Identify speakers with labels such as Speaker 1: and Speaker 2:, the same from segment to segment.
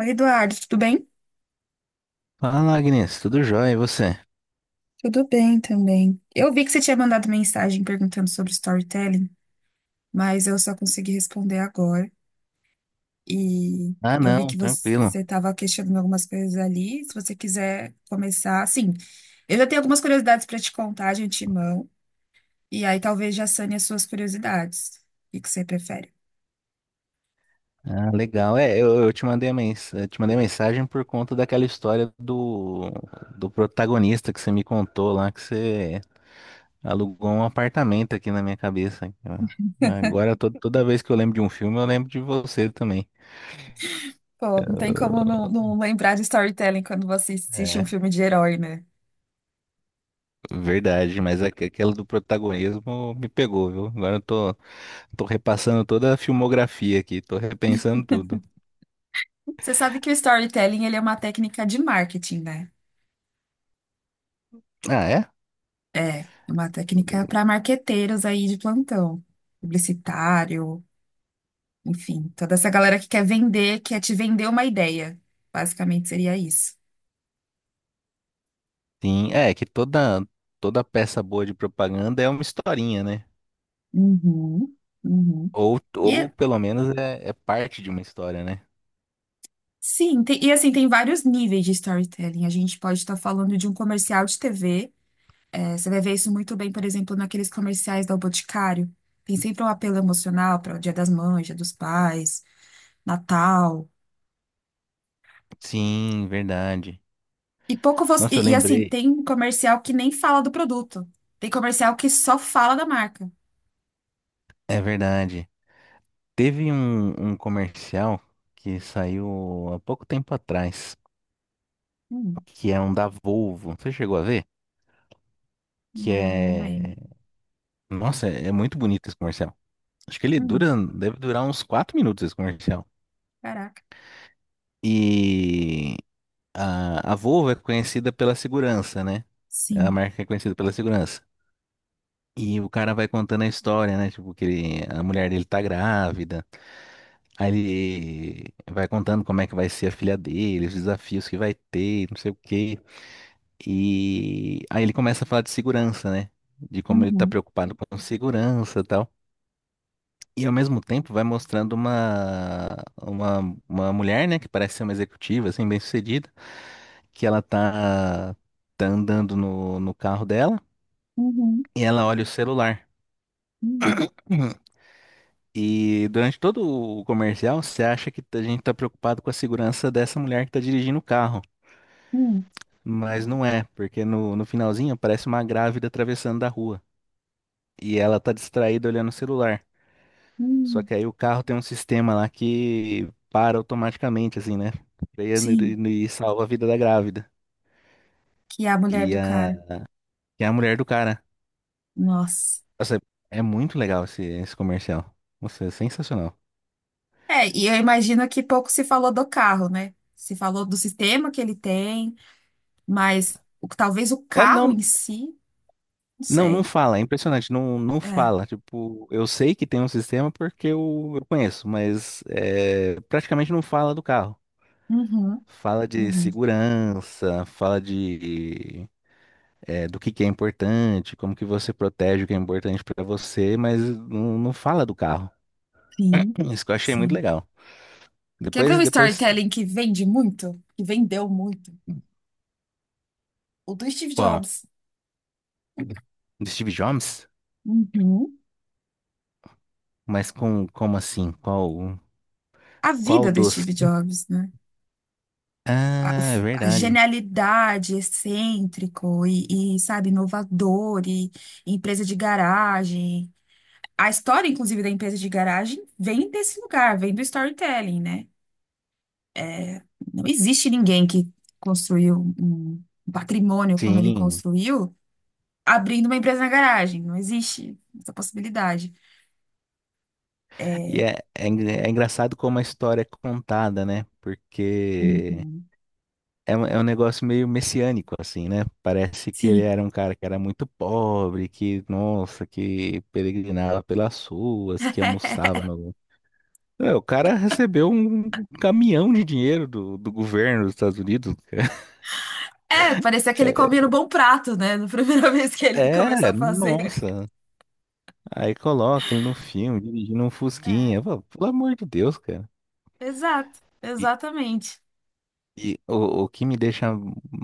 Speaker 1: Oi, Eduardo, tudo bem?
Speaker 2: Fala, Agnes, tudo jóia, e você?
Speaker 1: Tudo bem também. Eu vi que você tinha mandado mensagem perguntando sobre storytelling, mas eu só consegui responder agora. E
Speaker 2: Ah,
Speaker 1: eu vi
Speaker 2: não,
Speaker 1: que
Speaker 2: tranquilo.
Speaker 1: você estava questionando algumas coisas ali. Se você quiser começar, assim, eu já tenho algumas curiosidades para te contar de antemão, e aí talvez já sane as suas curiosidades. O que que você prefere?
Speaker 2: Ah, legal. Eu te mandei a mens eu te mandei mensagem por conta daquela história do protagonista que você me contou lá, que você alugou um apartamento aqui na minha cabeça. Agora, toda vez que eu lembro de um filme, eu lembro de você também.
Speaker 1: Pô, não tem como não, não lembrar de storytelling quando você assiste um
Speaker 2: É,
Speaker 1: filme de herói, né?
Speaker 2: verdade, mas aquela do protagonismo me pegou, viu? Agora tô repassando toda a filmografia aqui, tô repensando tudo.
Speaker 1: Você sabe que o storytelling, ele é uma técnica de marketing, né?
Speaker 2: Ah, é?
Speaker 1: É, é uma técnica para marqueteiros aí de plantão, publicitário, enfim, toda essa galera que quer vender, quer te vender uma ideia. Basicamente seria isso.
Speaker 2: Sim, é que toda peça boa de propaganda é uma historinha, né?
Speaker 1: Uhum, uhum.
Speaker 2: Ou,
Speaker 1: E
Speaker 2: ou pelo menos é parte de uma história, né?
Speaker 1: e assim, tem vários níveis de storytelling. A gente pode estar falando de um comercial de TV. É, você vai ver isso muito bem, por exemplo, naqueles comerciais do Boticário. Tem sempre um apelo emocional para o Dia das Mães, Dia dos Pais, Natal.
Speaker 2: Sim, verdade.
Speaker 1: E pouco você.
Speaker 2: Nossa, eu
Speaker 1: Assim,
Speaker 2: lembrei,
Speaker 1: tem comercial que nem fala do produto. Tem comercial que só fala da marca.
Speaker 2: é verdade. Teve um comercial que saiu há pouco tempo atrás,
Speaker 1: Hum,
Speaker 2: que é um da Volvo. Você chegou a ver? Que
Speaker 1: não, não
Speaker 2: é.
Speaker 1: lembro.
Speaker 2: Nossa, é muito bonito esse comercial. Acho que
Speaker 1: Hum,
Speaker 2: deve durar uns 4 minutos esse comercial.
Speaker 1: caraca.
Speaker 2: E a Volvo é conhecida pela segurança, né? É a
Speaker 1: Sim.
Speaker 2: marca que é conhecida pela segurança. E o cara vai contando a história, né? Tipo, que a mulher dele tá grávida. Aí ele vai contando como é que vai ser a filha dele, os desafios que vai ter, não sei o quê. E aí ele começa a falar de segurança, né? De como ele tá
Speaker 1: Uhum,
Speaker 2: preocupado com segurança e tal. E ao mesmo tempo vai mostrando uma, uma mulher, né? Que parece ser uma executiva, assim, bem-sucedida. Que tá andando no carro dela
Speaker 1: uhum,
Speaker 2: e ela olha o celular.
Speaker 1: uhum,
Speaker 2: E durante todo o comercial, você acha que a gente está preocupado com a segurança dessa mulher que está dirigindo o carro.
Speaker 1: uhum,
Speaker 2: Mas não é, porque no finalzinho aparece uma grávida atravessando da rua. E ela está distraída olhando o celular. Só
Speaker 1: uhum.
Speaker 2: que aí o carro tem um sistema lá que para automaticamente, assim, né? Freia
Speaker 1: Sim.
Speaker 2: e salva a vida da grávida.
Speaker 1: Que é a mulher
Speaker 2: E
Speaker 1: do
Speaker 2: a,
Speaker 1: cara.
Speaker 2: e a mulher do cara.
Speaker 1: Nossa.
Speaker 2: Nossa, é muito legal esse comercial. Nossa, é sensacional.
Speaker 1: É, e eu imagino que pouco se falou do carro, né? Se falou do sistema que ele tem, talvez o
Speaker 2: É,
Speaker 1: carro
Speaker 2: não,
Speaker 1: em si, não
Speaker 2: Não, não
Speaker 1: sei.
Speaker 2: fala, é impressionante, não, não
Speaker 1: É.
Speaker 2: fala. Tipo, eu sei que tem um sistema porque eu conheço, mas é, praticamente não fala do carro.
Speaker 1: Uhum,
Speaker 2: Fala de
Speaker 1: uhum.
Speaker 2: segurança, fala de é, do que é importante, como que você protege o que é importante pra você, mas não, não fala do carro.
Speaker 1: Sim,
Speaker 2: Isso que eu achei muito
Speaker 1: sim.
Speaker 2: legal.
Speaker 1: Quer ver um
Speaker 2: Depois,
Speaker 1: storytelling que vende muito? Que vendeu muito? O do Steve
Speaker 2: bom,
Speaker 1: Jobs.
Speaker 2: do Steve Jobs?
Speaker 1: Uhum.
Speaker 2: Mas como assim? Qual,
Speaker 1: A
Speaker 2: qual
Speaker 1: vida do Steve
Speaker 2: dos?
Speaker 1: Jobs, né? A, o
Speaker 2: Ah, é
Speaker 1: f- a
Speaker 2: verdade.
Speaker 1: genialidade, excêntrico e sabe, inovador e empresa de garagem. A história, inclusive, da empresa de garagem vem desse lugar, vem do storytelling, né? Não existe ninguém que construiu um patrimônio como ele
Speaker 2: Sim.
Speaker 1: construiu abrindo uma empresa na garagem. Não existe essa possibilidade.
Speaker 2: E é engraçado como a história é contada, né? Porque
Speaker 1: Uhum.
Speaker 2: é, é um negócio meio messiânico, assim, né? Parece que ele
Speaker 1: Sim.
Speaker 2: era um cara que era muito pobre, que, nossa, que peregrinava pelas ruas, que almoçava no. É, o cara recebeu um caminhão de dinheiro do governo dos Estados Unidos.
Speaker 1: É, parecia que ele comia no
Speaker 2: É,
Speaker 1: bom prato, né? Na primeira vez que ele começou a fazer.
Speaker 2: nossa. Aí coloca ele no filme, dirigindo um
Speaker 1: É,
Speaker 2: Fusquinha. Pô, pelo amor de Deus, cara.
Speaker 1: exato, exatamente.
Speaker 2: E o que me deixa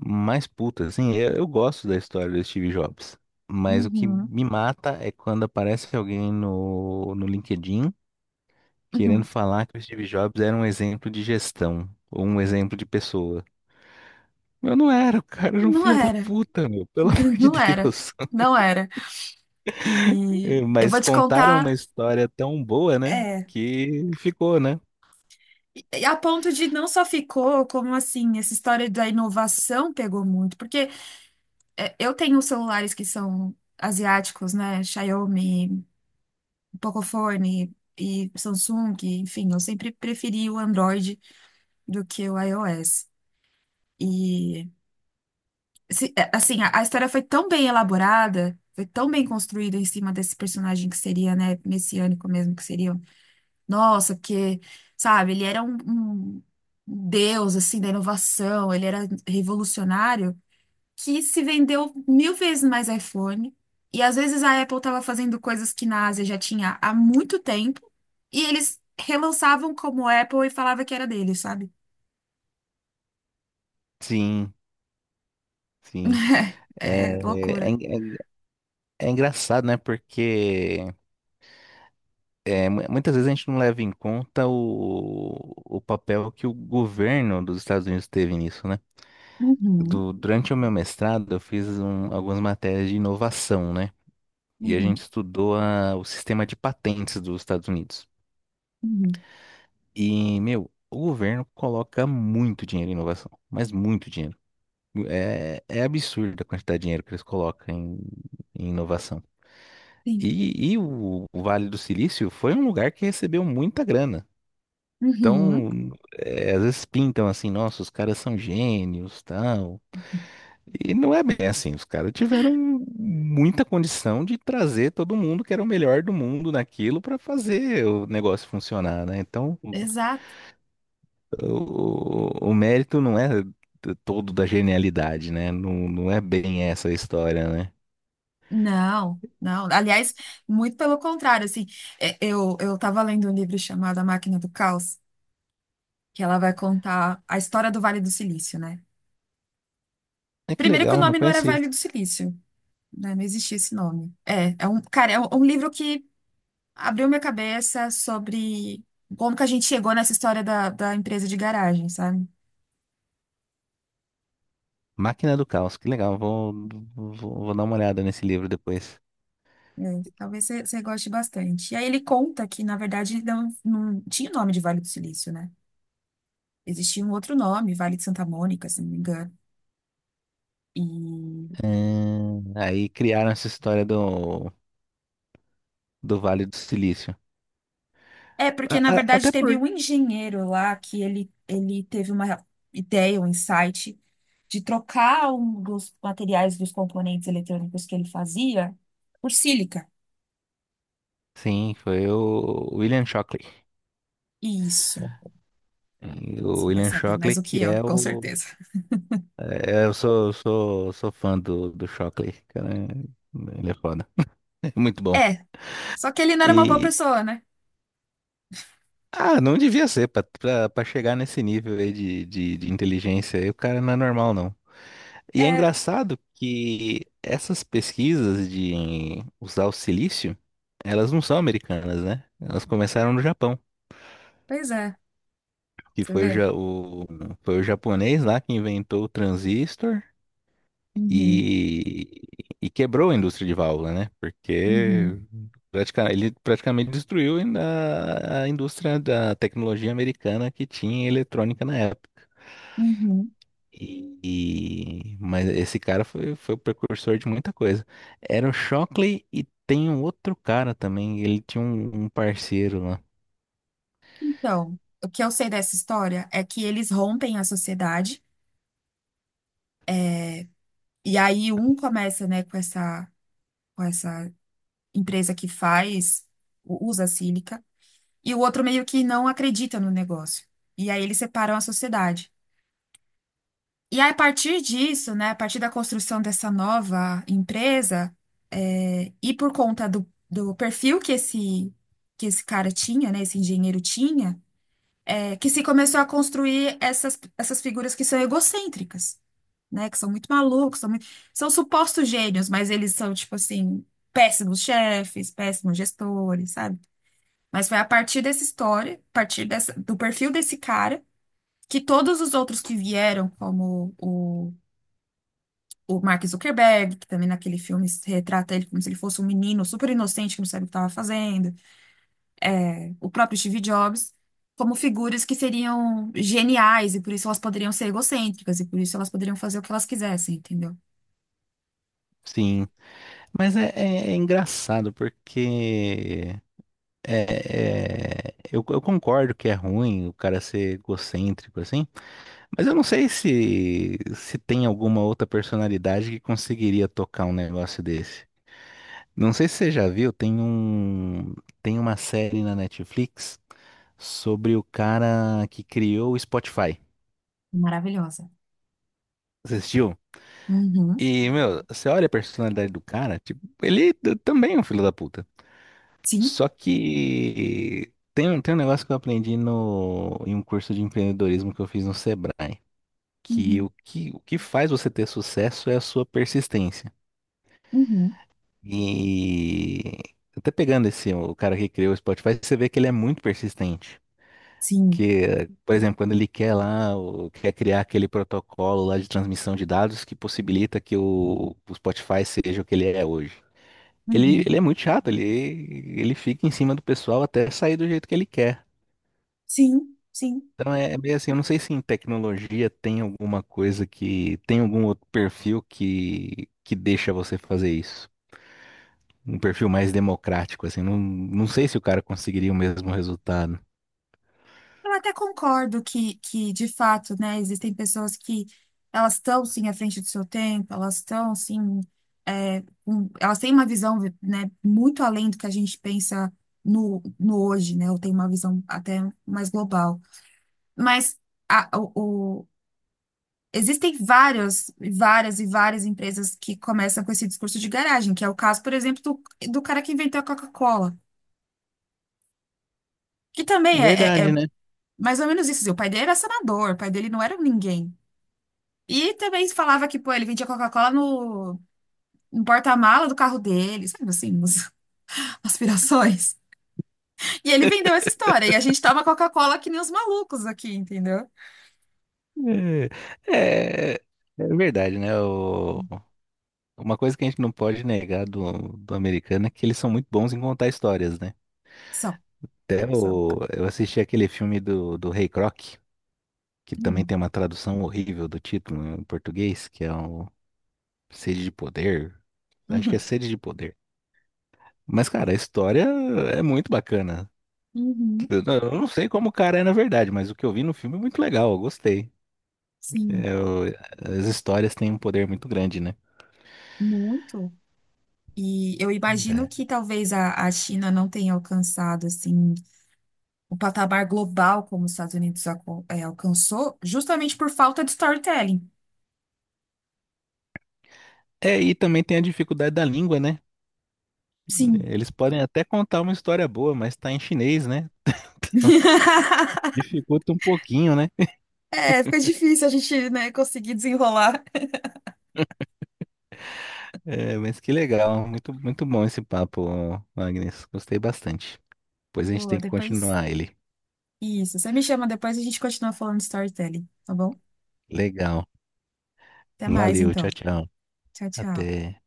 Speaker 2: mais puto, assim, eu gosto da história do Steve Jobs, mas o que
Speaker 1: Uhum,
Speaker 2: me mata é quando aparece alguém no LinkedIn querendo
Speaker 1: uhum.
Speaker 2: falar que o Steve Jobs era um exemplo de gestão, ou um exemplo de pessoa. Eu não era, o cara era um
Speaker 1: Não
Speaker 2: filho da
Speaker 1: era,
Speaker 2: puta, meu, pelo amor de
Speaker 1: não era,
Speaker 2: Deus.
Speaker 1: não era.
Speaker 2: É,
Speaker 1: E eu
Speaker 2: mas
Speaker 1: vou te
Speaker 2: contaram uma
Speaker 1: contar,
Speaker 2: história tão boa, né,
Speaker 1: é,
Speaker 2: que ficou, né?
Speaker 1: e a ponto de não só ficou, como assim, essa história da inovação pegou muito, porque eu tenho celulares que são asiáticos, né? Xiaomi, Pocophone e Samsung, enfim, eu sempre preferi o Android do que o iOS. E, assim, a história foi tão bem elaborada, foi tão bem construída em cima desse personagem que seria, né, messiânico mesmo, que seria. Nossa, porque, sabe, ele era um deus, assim, da inovação, ele era revolucionário, que se vendeu mil vezes mais iPhone. E às vezes a Apple estava fazendo coisas que na Ásia já tinha há muito tempo, e eles relançavam como Apple e falava que era dele, sabe?
Speaker 2: Sim, sim. É,
Speaker 1: É
Speaker 2: é,
Speaker 1: loucura.
Speaker 2: en- é, en- é engraçado, né, porque. É, muitas vezes a gente não leva em conta o papel que o governo dos Estados Unidos teve nisso, né?
Speaker 1: Uhum.
Speaker 2: Durante o meu mestrado, eu fiz algumas matérias de inovação, né? E a
Speaker 1: Uhum,
Speaker 2: gente estudou o sistema de patentes dos Estados Unidos.
Speaker 1: uhum,
Speaker 2: E, meu, o governo coloca muito dinheiro em inovação, mas muito dinheiro. É, é absurda a quantidade de dinheiro que eles colocam em inovação.
Speaker 1: sim.
Speaker 2: O Vale do Silício foi um lugar que recebeu muita grana.
Speaker 1: Uhum,
Speaker 2: Então, é, às vezes pintam assim, nossa, os caras são gênios, tal. E não é bem assim, os caras tiveram muita condição de trazer todo mundo que era o melhor do mundo naquilo para fazer o negócio funcionar, né? Então,
Speaker 1: exato.
Speaker 2: o mérito não é todo da genialidade, né? Não, não é bem essa a história, né?
Speaker 1: Não, não. Aliás, muito pelo contrário, assim, eu estava lendo um livro chamado A Máquina do Caos, que ela vai contar a história do Vale do Silício, né?
Speaker 2: É que
Speaker 1: Primeiro que o
Speaker 2: legal, não
Speaker 1: nome não era
Speaker 2: conhecia.
Speaker 1: Vale do Silício, né? Não existia esse nome. É um livro que abriu minha cabeça sobre como que a gente chegou nessa história da empresa de garagem, sabe?
Speaker 2: Máquina do Caos, que legal, vou dar uma olhada nesse livro depois.
Speaker 1: É, talvez você goste bastante. E aí ele conta que, na verdade, não, não tinha o nome de Vale do Silício, né? Existia um outro nome, Vale de Santa Mônica, se não me engano. E
Speaker 2: É, aí criaram essa história do Vale do Silício.
Speaker 1: é porque, na verdade,
Speaker 2: Até por.
Speaker 1: teve um engenheiro lá que ele teve uma ideia, um insight de trocar um dos materiais dos componentes eletrônicos que ele fazia por sílica.
Speaker 2: Sim, foi o William Shockley.
Speaker 1: Isso,
Speaker 2: E o
Speaker 1: você vai
Speaker 2: William
Speaker 1: saber mais
Speaker 2: Shockley,
Speaker 1: do
Speaker 2: que
Speaker 1: que eu,
Speaker 2: é
Speaker 1: com
Speaker 2: o.
Speaker 1: certeza.
Speaker 2: É, eu sou fã do Shockley, cara. Ele é foda. Muito bom.
Speaker 1: É, só que ele não era uma boa
Speaker 2: E.
Speaker 1: pessoa, né?
Speaker 2: Ah, não devia ser, pra chegar nesse nível aí de inteligência aí, o cara não é normal, não. E é
Speaker 1: É,
Speaker 2: engraçado que essas pesquisas de usar o silício, elas não são americanas, né? Elas começaram no Japão.
Speaker 1: pois é,
Speaker 2: Que
Speaker 1: você
Speaker 2: foi o,
Speaker 1: vê.
Speaker 2: foi o japonês lá que inventou o transistor
Speaker 1: Uhum.
Speaker 2: e, e quebrou a indústria de válvula, né? Porque
Speaker 1: Uhum,
Speaker 2: ele praticamente destruiu ainda a indústria da tecnologia americana que tinha eletrônica na época.
Speaker 1: uhum.
Speaker 2: Mas esse cara foi o precursor de muita coisa. Era o Shockley e tem um outro cara também. Ele tinha um parceiro lá.
Speaker 1: Então, o que eu sei dessa história é que eles rompem a sociedade e aí um começa, né, com essa empresa que faz, usa sílica, e o outro meio que não acredita no negócio. E aí eles separam a sociedade. E aí, a partir disso, né, a partir da construção dessa nova empresa, e por conta do perfil que que esse cara tinha, né, esse engenheiro tinha, é, que se começou a construir essas figuras que são egocêntricas, né? Que são muito malucos, são supostos gênios, mas eles são, tipo assim, péssimos chefes, péssimos gestores, sabe? Mas foi a partir dessa história, a partir dessa, do perfil desse cara, que todos os outros que vieram, como o Mark Zuckerberg, que também naquele filme se retrata ele como se ele fosse um menino super inocente que não sabe o que estava fazendo, o próprio Steve Jobs, como figuras que seriam geniais e por isso elas poderiam ser egocêntricas e por isso elas poderiam fazer o que elas quisessem, entendeu?
Speaker 2: Sim. Mas é engraçado porque eu concordo que é ruim o cara ser egocêntrico assim, mas eu não sei se tem alguma outra personalidade que conseguiria tocar um negócio desse. Não sei se você já viu, tem tem uma série na Netflix sobre o cara que criou o Spotify.
Speaker 1: Maravilhosa.
Speaker 2: Você assistiu?
Speaker 1: Uhum.
Speaker 2: E, meu, você olha a personalidade do cara, tipo, ele também é um filho da puta.
Speaker 1: Sim.
Speaker 2: Só que tem, tem um negócio que eu aprendi no, em um curso de empreendedorismo que eu fiz no Sebrae, que
Speaker 1: Uhum.
Speaker 2: o que faz você ter sucesso é a sua persistência.
Speaker 1: Uhum.
Speaker 2: E até pegando esse, o cara que criou o Spotify, você vê que ele é muito persistente.
Speaker 1: Sim.
Speaker 2: Que, por exemplo, quando ele quer lá, quer criar aquele protocolo lá de transmissão de dados que possibilita que o Spotify seja o que ele é hoje.
Speaker 1: Uhum.
Speaker 2: Ele é muito chato, ele fica em cima do pessoal até sair do jeito que ele quer.
Speaker 1: Sim. Sim.
Speaker 2: Então é meio assim, eu não sei se em tecnologia tem alguma coisa que, tem algum outro perfil que deixa você fazer isso. Um perfil mais democrático, assim, não, não sei se o cara conseguiria o mesmo resultado.
Speaker 1: Eu até concordo que, de fato, né, existem pessoas que elas estão, sim, à frente do seu tempo, elas estão, sim, elas têm uma visão, né, muito além do que a gente pensa no hoje, né, ou tem uma visão até mais global. Mas a- o, o- existem várias, várias e várias empresas que começam com esse discurso de garagem, que é o caso, por exemplo, do cara que inventou a Coca-Cola, que
Speaker 2: É,
Speaker 1: também
Speaker 2: verdade,
Speaker 1: é
Speaker 2: né?
Speaker 1: mais ou menos isso. Assim, o pai dele era senador, o pai dele não era ninguém. E também falava que, pô, ele vendia Coca-Cola no porta-mala do carro dele, sabe assim, umas aspirações. E ele vendeu essa história, e a gente toma Coca-Cola que nem os malucos aqui, entendeu?
Speaker 2: É, é, é verdade, né? Uma coisa que a gente não pode negar do americano é que eles são muito bons em contar histórias, né?
Speaker 1: São,
Speaker 2: Até
Speaker 1: são.
Speaker 2: eu assisti aquele filme do Rei Croc, que também
Speaker 1: Hum,
Speaker 2: tem uma tradução horrível do título em português, que é o Sede de Poder. Acho que é
Speaker 1: Uhum.
Speaker 2: Sede de Poder. Mas, cara, a história é muito bacana.
Speaker 1: Uhum.
Speaker 2: Eu não sei como o cara é na verdade, mas o que eu vi no filme é muito legal, eu gostei.
Speaker 1: Sim,
Speaker 2: É, as histórias têm um poder muito grande, né?
Speaker 1: muito. E eu imagino
Speaker 2: Verdade.
Speaker 1: que talvez a China não tenha alcançado assim o patamar global como os Estados Unidos alcançou, justamente por falta de storytelling.
Speaker 2: É, e também tem a dificuldade da língua, né?
Speaker 1: Sim.
Speaker 2: Eles podem até contar uma história boa, mas tá em chinês, né? Dificulta um pouquinho, né?
Speaker 1: É, fica difícil a gente, né, conseguir desenrolar.
Speaker 2: É, mas que legal, muito, muito bom esse papo, Agnes. Gostei bastante. Pois a gente
Speaker 1: Pô,
Speaker 2: tem que
Speaker 1: depois.
Speaker 2: continuar ele.
Speaker 1: Isso, você me chama depois e a gente continua falando de storytelling, tá bom?
Speaker 2: Legal.
Speaker 1: Até mais,
Speaker 2: Valeu, tchau,
Speaker 1: então.
Speaker 2: tchau.
Speaker 1: Tchau, tchau.
Speaker 2: Até.